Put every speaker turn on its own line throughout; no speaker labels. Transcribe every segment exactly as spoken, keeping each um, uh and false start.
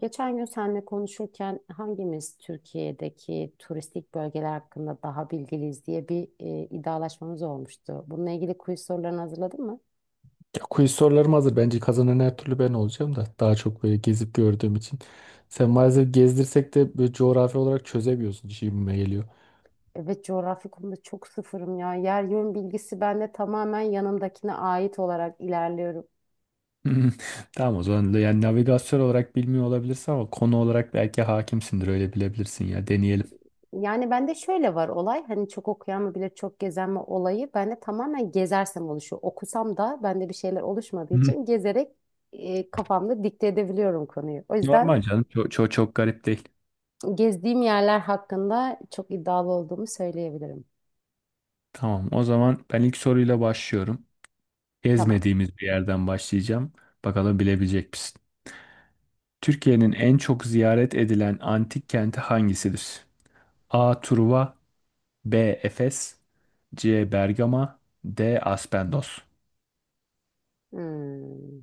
Geçen gün seninle konuşurken hangimiz Türkiye'deki turistik bölgeler hakkında daha bilgiliyiz diye bir e, iddialaşmamız olmuştu. Bununla ilgili quiz sorularını hazırladın mı?
Ya, Quiz sorularım hazır. Bence kazanan her türlü ben olacağım da. Daha çok böyle gezip gördüğüm için. Sen maalesef gezdirsek de böyle coğrafi olarak çözemiyorsun. Şimdime geliyor.
Evet, coğrafya konuda çok sıfırım ya. Yer yön bilgisi bende tamamen yanımdakine ait olarak ilerliyorum.
Hmm, Tamam o zaman da yani navigasyon olarak bilmiyor olabilirsin ama konu olarak belki hakimsindir öyle bilebilirsin ya deneyelim.
Yani bende şöyle var olay, hani çok okuyan mı bilir çok gezen mi olayı, bende tamamen gezersem oluşuyor. Okusam da bende bir şeyler oluşmadığı
Hı.
için gezerek e, kafamda dikte edebiliyorum konuyu. O yüzden
Normal canım çok, çok, çok garip değil.
gezdiğim yerler hakkında çok iddialı olduğumu söyleyebilirim.
Tamam o zaman ben ilk soruyla başlıyorum.
Tamam.
Gezmediğimiz bir yerden başlayacağım. Bakalım bilebilecek misin? Türkiye'nin en çok ziyaret edilen antik kenti hangisidir? A. Truva B. Efes C. Bergama D. Aspendos.
Hmm.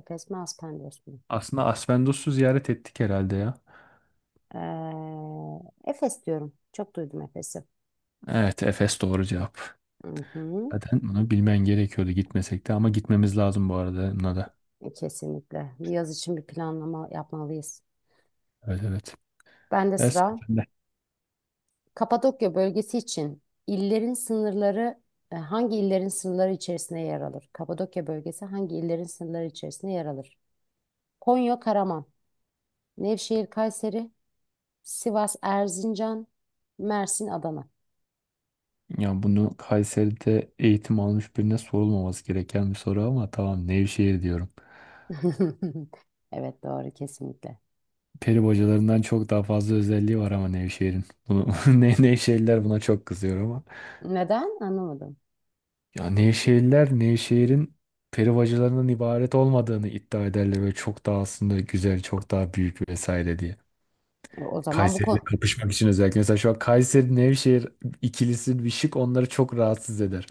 Efes mi, Aspendos mu?
Aslında Aspendos'u ziyaret ettik herhalde ya.
Ee, Efes diyorum. Çok duydum Efes'i.
Evet Efes doğru cevap.
Hı hı.
Zaten bunu bilmen gerekiyordu gitmesek de ama gitmemiz lazım bu arada buna da.
E, Kesinlikle. Bir yaz için bir planlama yapmalıyız.
Evet evet.
Ben de
Evet,
sıra.
sen de.
Kapadokya bölgesi için illerin sınırları, e, hangi illerin sınırları içerisinde yer alır? Kapadokya bölgesi hangi illerin sınırları içerisinde yer alır? Konya, Karaman, Nevşehir, Kayseri, Sivas, Erzincan, Mersin, Adana.
Ya bunu Kayseri'de eğitim almış birine sorulmaması gereken bir soru ama tamam Nevşehir diyorum.
Evet, doğru kesinlikle.
Peri bacalarından çok daha fazla özelliği var ama Nevşehir'in. Bunu, Ne- Nevşehirliler buna çok kızıyor ama.
Neden? Anlamadım.
Ya Nevşehirler Nevşehir'in perivacılarından ibaret olmadığını iddia ederler ve çok daha aslında güzel, çok daha büyük vesaire diye.
E, o zaman bu
Kayseri'yle
konu,
kapışmak için özellikle. Mesela şu an Kayseri Nevşehir ikilisi bir şık onları çok rahatsız eder.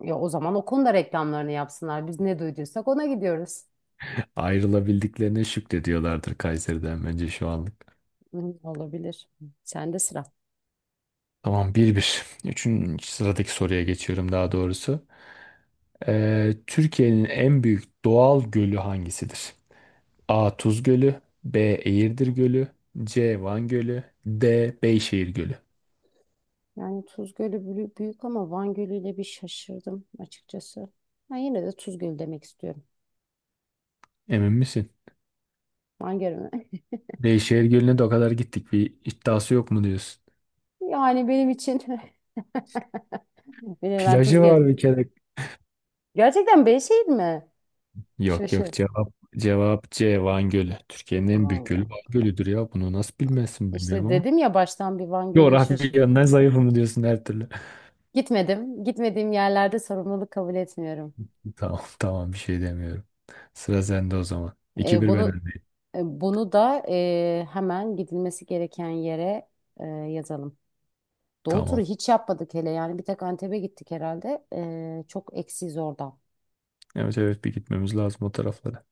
ya o zaman o konuda reklamlarını yapsınlar. Biz ne duyduysak ona gidiyoruz.
Ayrılabildiklerine şükrediyorlardır Kayseri'den bence şu anlık.
Hı, olabilir. Sen de sıra.
Tamam bir. 1 Üçüncü sıradaki soruya geçiyorum daha doğrusu. Ee, Türkiye'nin en büyük doğal gölü hangisidir? A. Tuz Gölü B. Eğirdir Gölü C. Van Gölü D. Beyşehir Gölü.
Yani Tuz Gölü bülü- büyük ama Van Gölü ile bir şaşırdım açıkçası. Ben yine de Tuz Gölü demek istiyorum.
Emin misin?
Van Gölü mü?
Beyşehir Gölü'ne de o kadar gittik. Bir iddiası yok mu diyorsun?
Yani benim için bileven Tuz
Plajı
Gölü.
var bir kere.
Gerçekten Beyşehir mi?
Yok yok
Şaşır.
cevap cevap C. Van Gölü. Türkiye'nin en büyük
Van
gölü
Gölü.
Van Gölü'dür ya. Bunu nasıl bilmezsin bilmiyorum
İşte
ama.
dedim ya baştan bir Van Gölü'yü
Coğrafya
şaşır.
yönden zayıf mı diyorsun her türlü?
Gitmedim. Gitmediğim yerlerde sorumluluk kabul etmiyorum.
Tamam tamam bir şey demiyorum. Sıra sende o zaman. iki
E,
bir ben
bunu
öndeyim.
e, bunu da e, hemen gidilmesi gereken yere e, yazalım. Doğu turu
Tamam.
hiç yapmadık hele, yani bir tek Antep'e gittik herhalde. E, çok eksiz oradan.
Evet evet bir gitmemiz lazım o taraflara.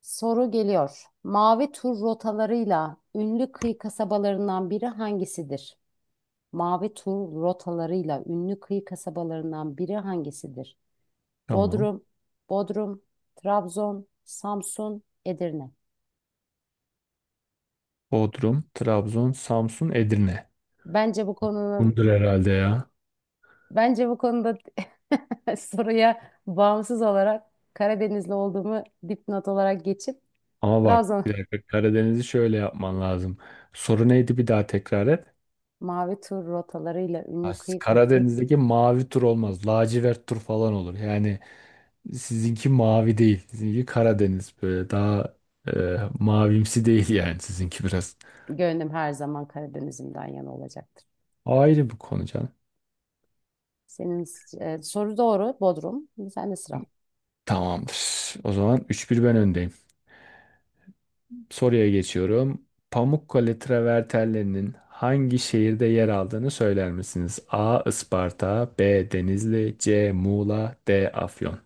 Soru geliyor. Mavi tur rotalarıyla ünlü kıyı kasabalarından biri hangisidir? Mavi tur rotalarıyla ünlü kıyı kasabalarından biri hangisidir?
Tamam.
Bodrum, Bodrum, Trabzon, Samsun, Edirne.
Bodrum, Trabzon, Samsun, Edirne.
Bence bu konunun
Bundur herhalde ya.
Bence bu konuda soruya bağımsız olarak Karadenizli olduğumu dipnot olarak geçip
Ama bak
Trabzon.
bir dakika Karadeniz'i şöyle yapman lazım. Soru neydi bir daha tekrar et.
Mavi tur rotalarıyla
Ha,
ünlü kıyı kı-
Karadeniz'deki mavi tur olmaz. Lacivert tur falan olur. Yani sizinki mavi değil. Sizinki Karadeniz böyle daha e, mavimsi değil yani sizinki biraz.
gönlüm her zaman Karadeniz'imden yana olacaktır.
Ayrı bir konu canım.
Senin e, soru doğru, Bodrum. Sen de sıra.
Tamamdır. O zaman üç bir ben öndeyim. Soruya geçiyorum. Pamukkale travertenlerinin hangi şehirde yer aldığını söyler misiniz? A. Isparta, B. Denizli, C. Muğla, D. Afyon.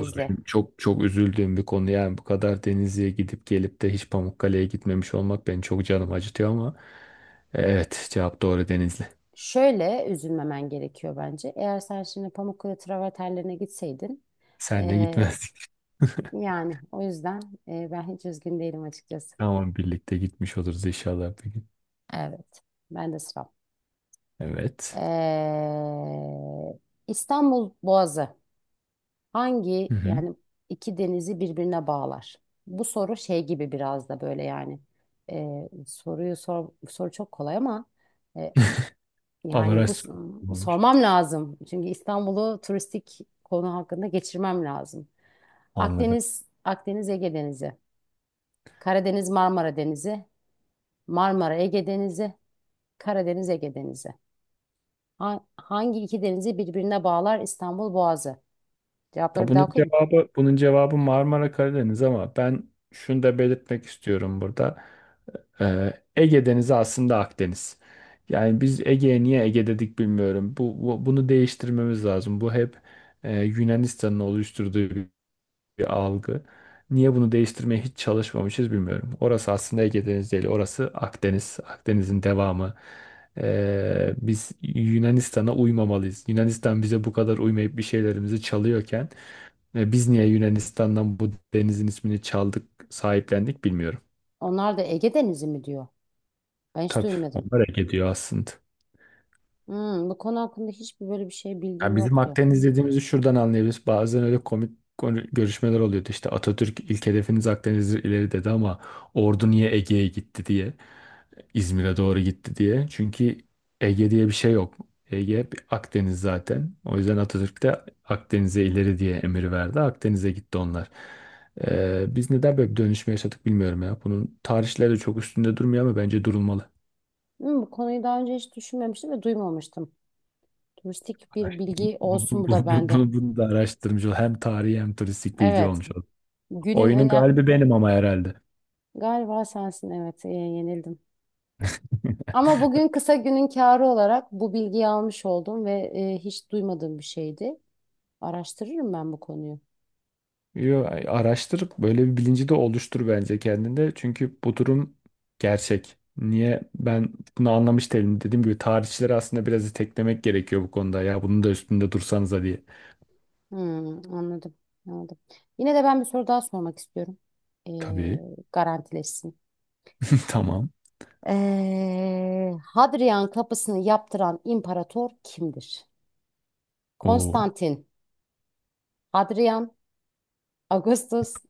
Bu da benim çok çok üzüldüğüm bir konu. Yani bu kadar Denizli'ye gidip gelip de hiç Pamukkale'ye gitmemiş olmak beni çok canım acıtıyor ama e, evet cevap doğru Denizli.
Şöyle üzülmemen gerekiyor bence. Eğer sen şimdi Pamukkale travertenlerine gitseydin,
Senle
e,
gitmezdik.
Yani o yüzden e, ben hiç üzgün değilim açıkçası.
Tamam birlikte gitmiş oluruz inşallah bir gün.
Evet. Ben de sıram.
Evet.
Ee, İstanbul Boğazı
Hı
hangi
hı.
yani iki denizi birbirine bağlar? Bu soru şey gibi biraz da, böyle yani, e, soruyu sor, soru çok kolay ama, e, yani bu
Avaraj
s-
olmuş.
sormam lazım. Çünkü İstanbul'u turistik konu hakkında geçirmem lazım.
Anladım.
Akdeniz, Akdeniz Ege Denizi, Karadeniz Marmara Denizi, Marmara Ege Denizi, Karadeniz, Ege Denizi. Ha- hangi iki denizi birbirine bağlar İstanbul Boğazı? Cevapları
Ya
bir daha
bunun
okuyayım mı?
cevabı bunun cevabı Marmara Karadeniz ama ben şunu da belirtmek istiyorum burada. Ee, Ege Denizi aslında Akdeniz. Yani biz Ege'ye niye Ege dedik bilmiyorum. Bu, bu- bunu değiştirmemiz lazım. Bu hep e, Yunanistan'ın oluşturduğu bir algı. Niye bunu değiştirmeye hiç çalışmamışız bilmiyorum. Orası aslında Ege Denizi değil, orası Akdeniz. Akdeniz'in devamı. Ee, biz Yunanistan'a uymamalıyız. Yunanistan bize bu kadar uymayıp bir şeylerimizi çalıyorken e, biz niye Yunanistan'dan bu denizin ismini çaldık, sahiplendik bilmiyorum.
Onlar da Ege Denizi mi diyor? Ben hiç
Tabii
duymadım.
onlar Ege diyor aslında.
Hmm, bu konu hakkında hiçbir böyle bir şey bilgim
Yani bizim
yoktu.
Akdeniz dediğimizi şuradan anlayabiliriz. Bazen öyle komik konu- görüşmeler oluyordu. İşte Atatürk ilk hedefiniz Akdeniz'dir ileri dedi ama ordu niye Ege'ye gitti diye. İzmir'e doğru gitti diye. Çünkü Ege diye bir şey yok. Ege bir Akdeniz zaten. O yüzden Atatürk de Akdeniz'e ileri diye emir verdi. Akdeniz'e gitti onlar. Ee, biz neden böyle bir dönüşme yaşadık bilmiyorum ya. Bunun tarihleri çok üstünde durmuyor ama bence durulmalı.
Hmm, bu konuyu daha önce hiç düşünmemiştim ve duymamıştım. Turistik bir
Bu,
bilgi
bu,
olsun bu da
bu- bu-
bende.
bu- bunu da araştırmış ol. Hem tarihi hem turistik bilgi
Evet.
olmuş oldu.
Günün
Oyunun
öne...
galibi benim ama herhalde.
Galiba sensin, evet. E, yenildim. Ama bugün kısa günün kârı olarak bu bilgiyi almış oldum ve e, hiç duymadığım bir şeydi. Araştırırım ben bu konuyu.
Yo, araştır böyle bir bilinci de oluştur bence kendinde. Çünkü bu durum gerçek. Niye ben bunu anlamış değilim. Dediğim gibi tarihçileri aslında biraz iteklemek gerekiyor bu konuda. Ya bunun da üstünde dursanıza diye.
Hmm, anladım, anladım. Yine de ben bir soru daha sormak istiyorum. Ee,
Tabii.
garantileşsin.
Tamam.
Ee, Hadrian kapısını yaptıran imparator kimdir?
Oo.
Konstantin, Hadrian, Augustus,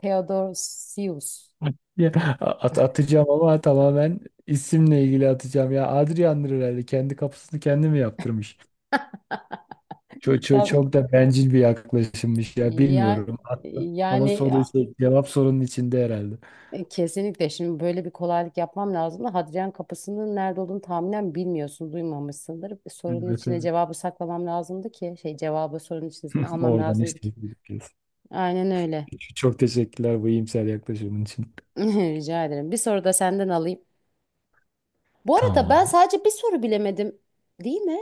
Theodosius.
Ya, at, atacağım ama tamamen isimle ilgili atacağım. Ya Adrian'dır herhalde. Kendi kapısını kendi mi yaptırmış? Çok, çok,
Tabii.
çok da bencil bir yaklaşımmış ya.
Ya,
Bilmiyorum. Attım. Ama
yani
soru şey, cevap sorunun içinde herhalde.
e, kesinlikle şimdi böyle bir kolaylık yapmam lazım da Hadrian kapısının nerede olduğunu tahminen bilmiyorsun, duymamışsındır. Sorunun
Evet,
içine
evet.
cevabı saklamam lazımdı ki, şey, cevabı sorunun içine almam
Oradan
lazımdı
işte
ki.
gidiyoruz.
Aynen öyle.
Çok teşekkürler bu iyimser yaklaşımın için.
Rica ederim. Bir soru da senden alayım. Bu arada ben
Tamam.
sadece bir soru bilemedim. Değil mi?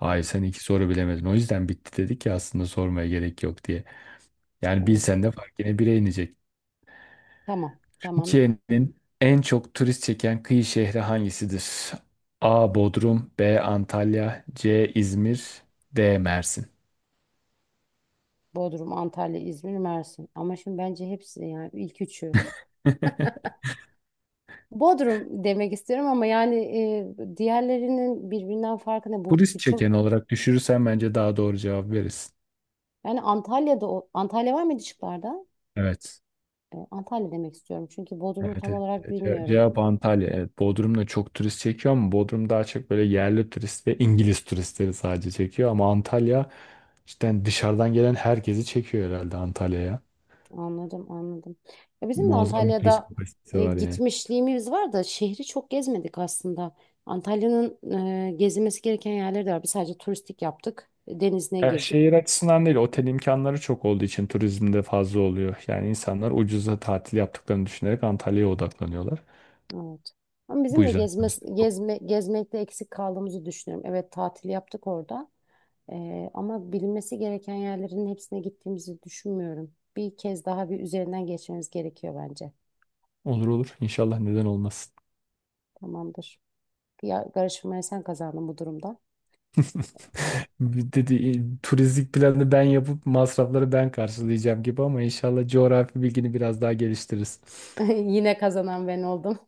Ay sen iki soru bilemedin. O yüzden bitti dedik ya aslında sormaya gerek yok diye. Yani
Hmm.
bilsen de fark yine bire inecek.
Tamam. Tamam.
Türkiye'nin en çok turist çeken kıyı şehri hangisidir? A. Bodrum B. Antalya C. İzmir D. Mersin.
Bodrum, Antalya, İzmir, Mersin. Ama şimdi bence hepsi, yani ilk üçü. Bodrum demek istiyorum ama yani, e, diğerlerinin birbirinden farkı ne? Bu
Turist
bu çok,
çeken olarak düşürürsen bence daha doğru cevap verirsin.
yani Antalya'da, o- Antalya var mıydı şıklarda?
Evet.
E, Antalya demek istiyorum. Çünkü Bodrum'u
Evet,
tam
evet.
olarak
Ce-
bilmiyorum.
Cevap Antalya. Evet, Bodrum'da çok turist çekiyor ama Bodrum daha çok böyle yerli turist ve İngiliz turistleri sadece çekiyor. Ama Antalya cidden dışarıdan gelen herkesi çekiyor herhalde Antalya'ya.
Anladım, anladım. Ya bizim de
Muazzam bir turist
Antalya'da
kapasitesi
e,
var yani.
gitmişliğimiz var da şehri çok gezmedik aslında. Antalya'nın e, gezilmesi gereken yerleri de var. Biz sadece turistik yaptık. Denizine
Ya
girdik.
şehir açısından değil, otel imkanları çok olduğu için turizmde fazla oluyor. Yani insanlar ucuza tatil yaptıklarını düşünerek Antalya'ya odaklanıyorlar.
Evet. Ama
Bu
bizim de
yüzden
gezme,
turist çok.
gezme, gezmekte eksik kaldığımızı düşünüyorum. Evet, tatil yaptık orada. E, ama bilinmesi gereken yerlerin hepsine gittiğimizi düşünmüyorum. Bir kez daha bir üzerinden geçmemiz gerekiyor bence.
Olur olur. İnşallah neden olmaz.
Tamamdır. Ya, karışmaya sen kazandın bu durumda.
Dedi "E, turistik planı ben yapıp masrafları ben karşılayacağım gibi ama inşallah coğrafi bilgini biraz daha geliştiririz.
Yine kazanan ben oldum.